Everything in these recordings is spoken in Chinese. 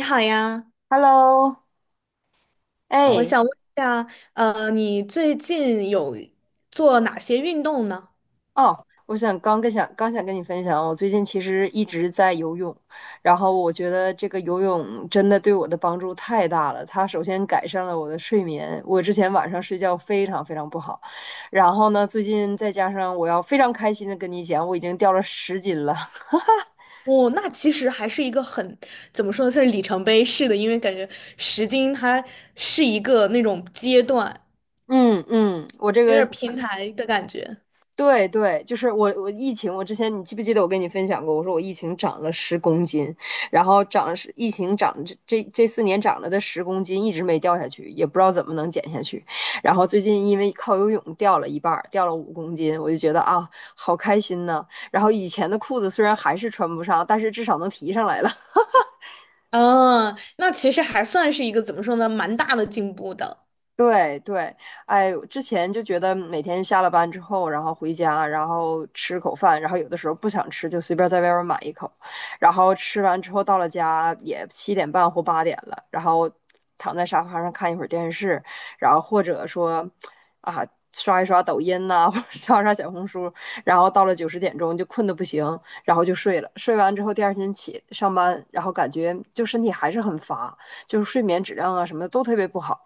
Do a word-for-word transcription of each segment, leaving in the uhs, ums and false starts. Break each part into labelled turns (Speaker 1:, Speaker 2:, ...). Speaker 1: 你好呀，
Speaker 2: Hello，
Speaker 1: 好，我
Speaker 2: 哎，
Speaker 1: 想问一下，呃，你最近有做哪些运动呢？
Speaker 2: 哦，我想刚跟想刚想跟你分享，我最近其实一直在游泳，然后我觉得这个游泳真的对我的帮助太大了。它首先改善了我的睡眠，我之前晚上睡觉非常非常不好，然后呢，最近再加上我要非常开心的跟你讲，我已经掉了十斤了。
Speaker 1: 哦，那其实还是一个很，怎么说呢，算是里程碑式的，因为感觉十斤它是一个那种阶段，
Speaker 2: 嗯嗯，我这
Speaker 1: 有点儿
Speaker 2: 个
Speaker 1: 平台的感觉。
Speaker 2: 对对，就是我我疫情，我之前你记不记得我跟你分享过？我说我疫情涨了十公斤，然后长了十，疫情涨这这这四年涨了的十公斤一直没掉下去，也不知道怎么能减下去。然后最近因为靠游泳掉了一半儿，掉了五公斤，我就觉得啊，好开心呐。然后以前的裤子虽然还是穿不上，但是至少能提上来了。
Speaker 1: 嗯，那其实还算是一个怎么说呢，蛮大的进步的。
Speaker 2: 对对，哎，之前就觉得每天下了班之后，然后回家，然后吃口饭，然后有的时候不想吃，就随便在外边买一口，然后吃完之后到了家也七点半或八点了，然后躺在沙发上看一会儿电视，然后或者说啊刷一刷抖音呐、或者刷刷小红书，然后到了九十点钟就困得不行，然后就睡了。睡完之后第二天起上班，然后感觉就身体还是很乏，就是睡眠质量啊什么的都特别不好。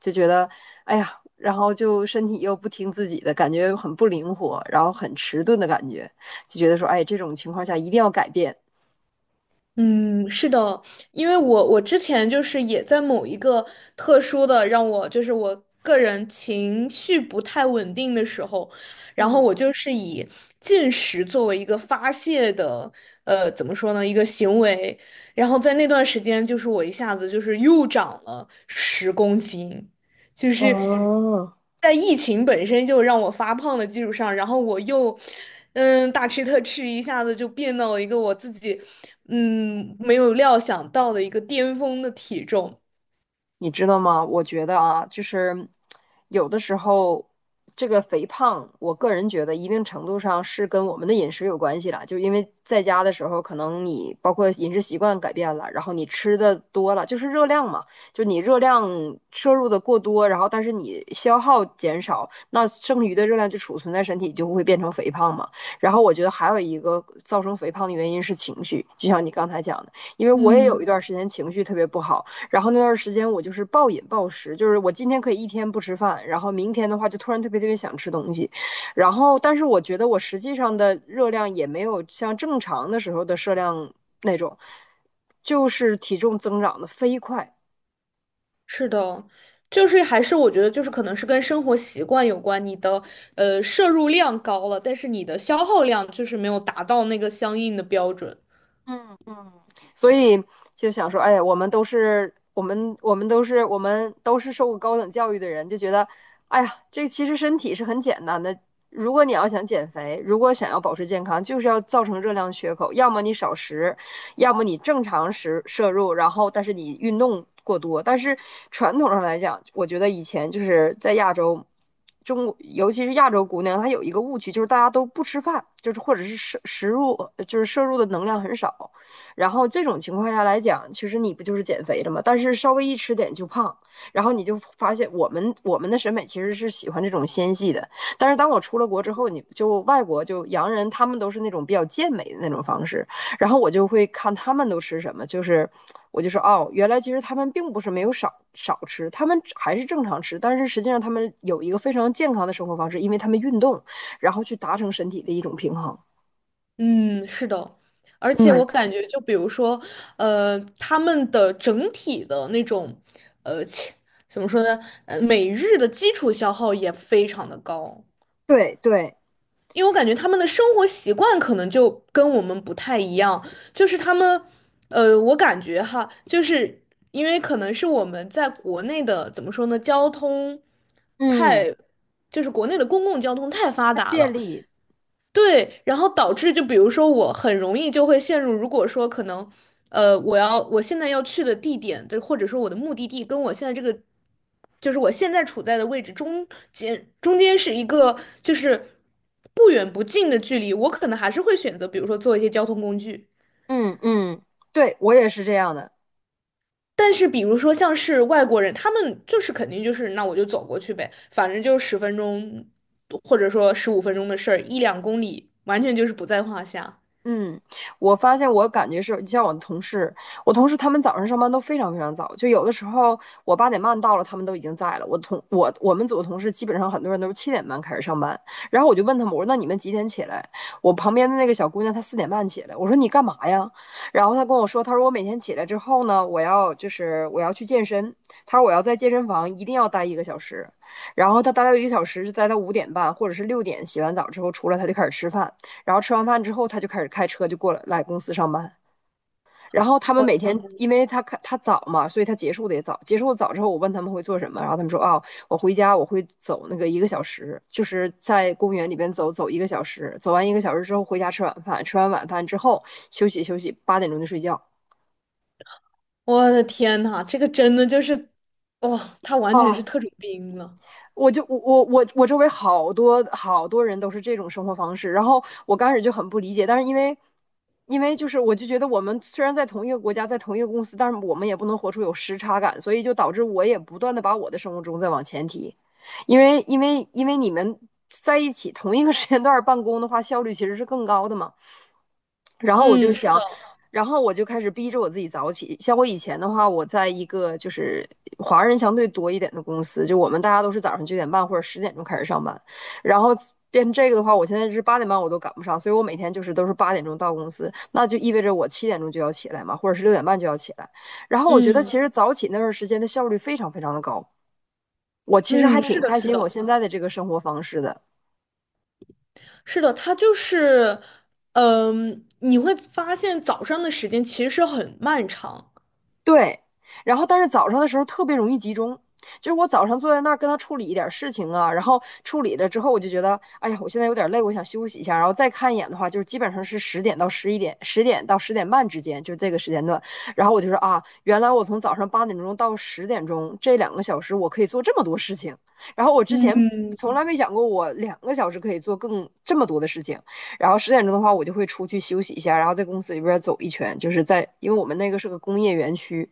Speaker 2: 就觉得哎呀，然后就身体又不听自己的，感觉很不灵活，然后很迟钝的感觉，就觉得说，哎，这种情况下一定要改变。
Speaker 1: 嗯，是的，因为我我之前就是也在某一个特殊的让我就是我个人情绪不太稳定的时候，然后
Speaker 2: 嗯
Speaker 1: 我就是以进食作为一个发泄的，呃，怎么说呢，一个行为，然后
Speaker 2: 嗯，
Speaker 1: 在那段时间就是我一下子就是又长了十公斤。就是
Speaker 2: 哦，
Speaker 1: 在疫情本身就让我发胖的基础上，然后我又嗯大吃特吃，一下子就变到了一个我自己嗯没有料想到的一个巅峰的体重。
Speaker 2: 你知道吗？我觉得啊，就是有的时候，这个肥胖，我个人觉得一定程度上是跟我们的饮食有关系了。就因为在家的时候，可能你包括饮食习惯改变了，然后你吃的多了，就是热量嘛，就你热量摄入的过多，然后但是你消耗减少，那剩余的热量就储存在身体，就会变成肥胖嘛。然后我觉得还有一个造成肥胖的原因是情绪，就像你刚才讲的，因为我也有一
Speaker 1: 嗯，
Speaker 2: 段时间情绪特别不好。然后那段时间我就是暴饮暴食，就是我今天可以一天不吃饭，然后明天的话就突然特别特别想吃东西，然后但是我觉得我实际上的热量也没有像正常的时候的摄量那种，就是体重增长的飞快。
Speaker 1: 是的，就是还是我觉得就是可能是跟生活习惯有关，你的呃摄入量高了，但是你的消耗量就是没有达到那个相应的标准。
Speaker 2: 嗯嗯，所以就想说，哎，呀，我们都是我们我们都是我们都是受过高等教育的人，就觉得，哎呀，这其实身体是很简单的。如果你要想减肥，如果想要保持健康，就是要造成热量缺口，要么你少食，要么你正常食摄入，然后但是你运动过多。但是传统上来讲，我觉得以前就是在亚洲。中国，尤其是亚洲姑娘，她有一个误区，就是大家都不吃饭，就是或者是摄食入，就是摄入的能量很少。然后这种情况下来讲，其实你不就是减肥了吗？但是稍微一吃点就胖，然后你就发现我们我们的审美其实是喜欢这种纤细的。但是当我出了国之后，你就外国就洋人，他们都是那种比较健美的那种方式，然后我就会看他们都吃什么，就是我就说哦，原来其实他们并不是没有少少吃，他们还是正常吃，但是实际上他们有一个非常健康的生活方式，因为他们运动，然后去达成身体的一种平衡。
Speaker 1: 嗯，是的，而且
Speaker 2: 嗯，
Speaker 1: 我感觉，就比如说，呃，他们的整体的那种，呃，切怎么说呢？呃，每日的基础消耗也非常的高，
Speaker 2: 对对，
Speaker 1: 因为我感觉他们的生活习惯可能就跟我们不太一样，就是他们，呃，我感觉哈，就是因为可能是我们在国内的，怎么说呢，交通
Speaker 2: 嗯，
Speaker 1: 太，就是国内的公共交通太发达
Speaker 2: 便
Speaker 1: 了。
Speaker 2: 利，
Speaker 1: 对，然后导致就比如说我很容易就会陷入，如果说可能，呃，我要我现在要去的地点，对，或者说我的目的地跟我现在这个，就是我现在处在的位置中间中间是一个就是不远不近的距离，我可能还是会选择，比如说做一些交通工具。
Speaker 2: 嗯嗯，对我也是这样的。
Speaker 1: 但是比如说像是外国人，他们就是肯定就是那我就走过去呗，反正就十分钟或者说十五分钟的事儿，一两公里完全就是不在话下。
Speaker 2: 嗯，我发现我感觉是，你像我的同事，我同事他们早上上班都非常非常早，就有的时候我八点半到了，他们都已经在了。我同我我们组的同事基本上很多人都是七点半开始上班，然后我就问他们，我说那你们几点起来？我旁边的那个小姑娘她四点半起来，我说你干嘛呀？然后她跟我说，她说我每天起来之后呢，我要就是我要去健身，她说我要在健身房一定要待一个小时，然后她待到一个小时就待到五点半或者是六点，洗完澡之后出来她就开始吃饭。然后吃完饭之后，他就开始开车就过来来公司上班。然后他们每天，因为他他早嘛，所以他结束的也早。结束的早之后，我问他们会做什么，然后他们说啊、哦我回家我会走那个一个小时，就是在公园里边走走一个小时，走完一个小时之后回家吃晚饭，吃完晚饭之后休息休息，八点钟就睡觉。
Speaker 1: 我的天呐，这个真的就是，哇、他完全是
Speaker 2: 哦，
Speaker 1: 特种兵了。
Speaker 2: 我就我我我我周围好多好多人都是这种生活方式，然后我刚开始就很不理解，但是因为因为就是我就觉得我们虽然在同一个国家，在同一个公司，但是我们也不能活出有时差感，所以就导致我也不断的把我的生物钟在往前提，因为因为因为你们在一起同一个时间段办公的话，效率其实是更高的嘛。然后我就
Speaker 1: 嗯，是的，
Speaker 2: 想，然后我就开始逼着我自己早起。像我以前的话，我在一个就是华人相对多一点的公司，就我们大家都是早上九点半或者十点钟开始上班，然后。变成这个的话，我现在是八点半我都赶不上，所以我每天就是都是八点钟到公司，那就意味着我七点钟就要起来嘛，或者是六点半就要起来。然后我觉得
Speaker 1: 嗯
Speaker 2: 其实早起那段时间的效率非常非常的高，我其实还
Speaker 1: 嗯，
Speaker 2: 挺
Speaker 1: 是的，
Speaker 2: 开
Speaker 1: 是
Speaker 2: 心我
Speaker 1: 的，
Speaker 2: 现在的这个生活方式的。
Speaker 1: 是的，他就是，嗯、你会发现早上的时间其实是很漫长。
Speaker 2: 对，然后但是早上的时候特别容易集中，就是我早上坐在那儿跟他处理一点事情啊，然后处理了之后，我就觉得，哎呀，我现在有点累，我想休息一下，然后再看一眼的话，就是基本上是十点到十一点，十点到十点半之间，就这个时间段。然后我就说啊，原来我从早上八点钟到十点钟这两个小时，我可以做这么多事情，然后我之前从
Speaker 1: 嗯，
Speaker 2: 来没想过我两个小时可以做更这么多的事情。然后十点钟的话，我就会出去休息一下，然后在公司里边走一圈，就是在因为我们那个是个工业园区，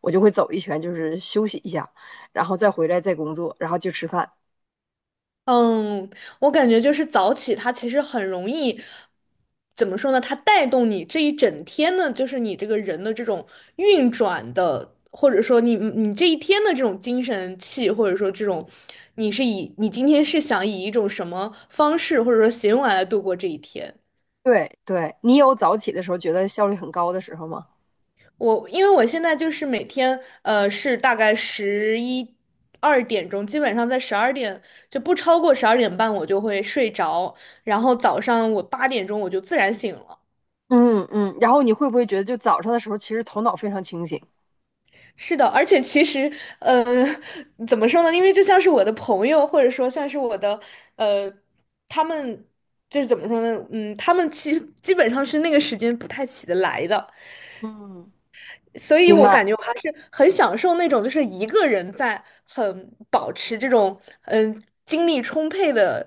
Speaker 2: 我就会走一圈，就是休息一下，然后再回来再工作，然后就吃饭。
Speaker 1: 嗯，我感觉就是早起，它其实很容易，怎么说呢？它带动你这一整天的，就是你这个人的这种运转的，或者说你你这一天的这种精神气，或者说这种，你是以你今天是想以一种什么方式或者说行为来度过这一天？
Speaker 2: 对对，你有早起的时候觉得效率很高的时候吗？
Speaker 1: 我因为我现在就是每天，呃，是大概十一二点钟，基本上在十二点就不超过十二点半，我就会睡着。然后早上我八点钟我就自然醒了。
Speaker 2: 嗯嗯，然后你会不会觉得就早上的时候其实头脑非常清醒？
Speaker 1: 是的，而且其实，呃，怎么说呢？因为就像是我的朋友，或者说像是我的，呃，他们就是怎么说呢？嗯，他们其基本上是那个时间不太起得来的。
Speaker 2: 嗯，
Speaker 1: 所以
Speaker 2: 明
Speaker 1: 我
Speaker 2: 白。
Speaker 1: 感觉我还是很享受那种，就是一个人在很保持这种嗯精力充沛的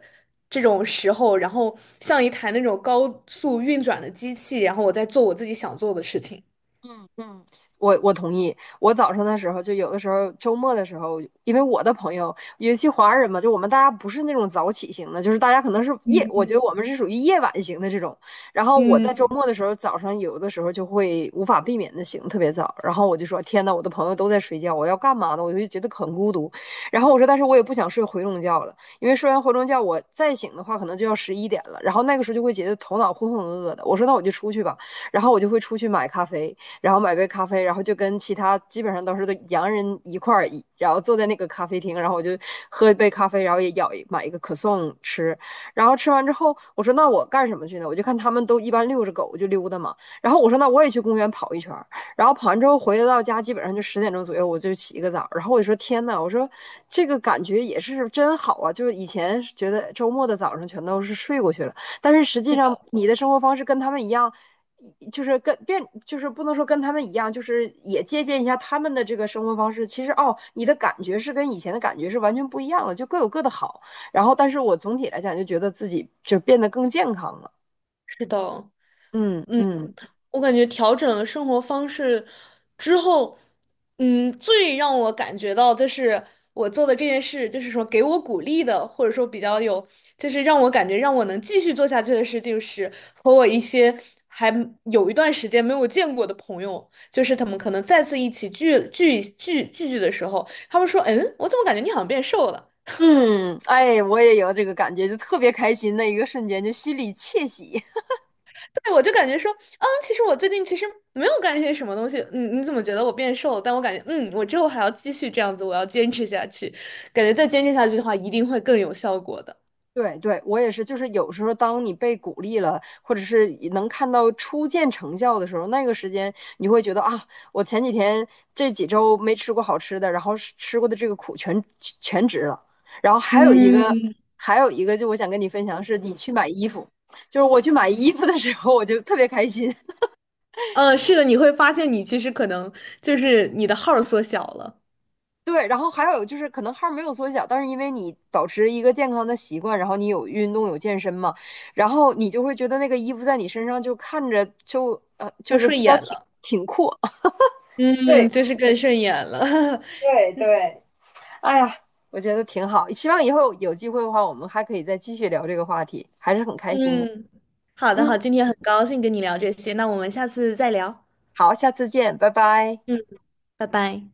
Speaker 1: 这种时候，然后像一台那种高速运转的机器，然后我在做我自己想做的事情。
Speaker 2: 嗯嗯，我我同意。我早上的时候，就有的时候周末的时候，因为我的朋友，尤其华人嘛，就我们大家不是那种早起型的，就是大家可能是夜，
Speaker 1: 嗯，
Speaker 2: 我觉得我们是属于夜晚型的这种。然后我在周
Speaker 1: 嗯，
Speaker 2: 末的时候，早上有的时候就会无法避免的醒特别早，然后我就说：“天呐，我的朋友都在睡觉，我要干嘛呢？”我就觉得很孤独。然后我说：“但是我也不想睡回笼觉了，因为睡完回笼觉，我再醒的话，可能就要十一点了。然后那个时候就会觉得头脑浑浑噩噩的。我说那我就出去吧。”然后我就会出去买咖啡，然后买杯咖啡，然后就跟其他基本上都是都洋人一块儿，然后坐在那个咖啡厅，然后我就喝一杯咖啡，然后也咬一买一个可颂吃，然后吃完之后，我说那我干什么去呢？我就看他们都一般遛着狗我就溜达嘛，然后我说那我也去公园跑一圈然后跑完之后回到家基本上就十点钟左右我就起一个澡，然后我就说天呐，我说这个感觉也是真好啊，就是以前觉得周末的早上全都是睡过去了，但是实际
Speaker 1: 是
Speaker 2: 上
Speaker 1: 的，
Speaker 2: 你的生活方式跟他们一样，就是跟变，就是不能说跟他们一样，就是也借鉴一下他们的这个生活方式。其实哦，你的感觉是跟以前的感觉是完全不一样了，就各有各的好。然后，但是我总体来讲就觉得自己就变得更健康了。
Speaker 1: 是的。
Speaker 2: 嗯
Speaker 1: 嗯，
Speaker 2: 嗯
Speaker 1: 我感觉调整了生活方式之后，嗯，最让我感觉到就是我做的这件事，就是说给我鼓励的，或者说比较有，就是让我感觉让我能继续做下去的事，就是和我一些还有一段时间没有见过的朋友，就是他们可能再次一起聚聚聚聚聚的时候，他们说，嗯，我怎么感觉你好像变瘦了？
Speaker 2: 嗯，哎，我也有这个感觉，就特别开心的一个瞬间，就心里窃喜。
Speaker 1: 对，我就感觉说，嗯，其实我最近其实没有干一些什么东西，嗯，你怎么觉得我变瘦了？但我感觉，嗯，我之后还要继续这样子，我要坚持下去，感觉再坚持下去的话，一定会更有效果的。
Speaker 2: 对对，我也是，就是有时候当你被鼓励了，或者是能看到初见成效的时候，那个时间你会觉得啊，我前几天这几周没吃过好吃的，然后是吃过的这个苦全全值了。然后还有一嗯个，
Speaker 1: 嗯，
Speaker 2: 还有一个，就我想跟你分享是，你去买衣服，就是我去买衣服的时候，我就特别开心，
Speaker 1: 呃，是的，你会发现你其实可能就是你的号儿缩小了，
Speaker 2: 对，然后还有就是，可能号儿没有缩小，但是因为你保持一个健康的习惯，然后你有运动有健身嘛，然后你就会觉得那个衣服在你身上就看着就呃就
Speaker 1: 更
Speaker 2: 是
Speaker 1: 顺
Speaker 2: 比较
Speaker 1: 眼
Speaker 2: 挺
Speaker 1: 了，
Speaker 2: 挺阔，对
Speaker 1: 嗯，就是更顺眼了，
Speaker 2: 对对，哎呀，我觉得挺好。希望以后有机会的话，我们还可以再继续聊这个话题，还是很开心的。
Speaker 1: 嗯，好的，好，
Speaker 2: 嗯，
Speaker 1: 今天很高兴跟你聊这些，那我们下次再聊，
Speaker 2: 好，下次见，拜拜。
Speaker 1: 嗯，拜拜。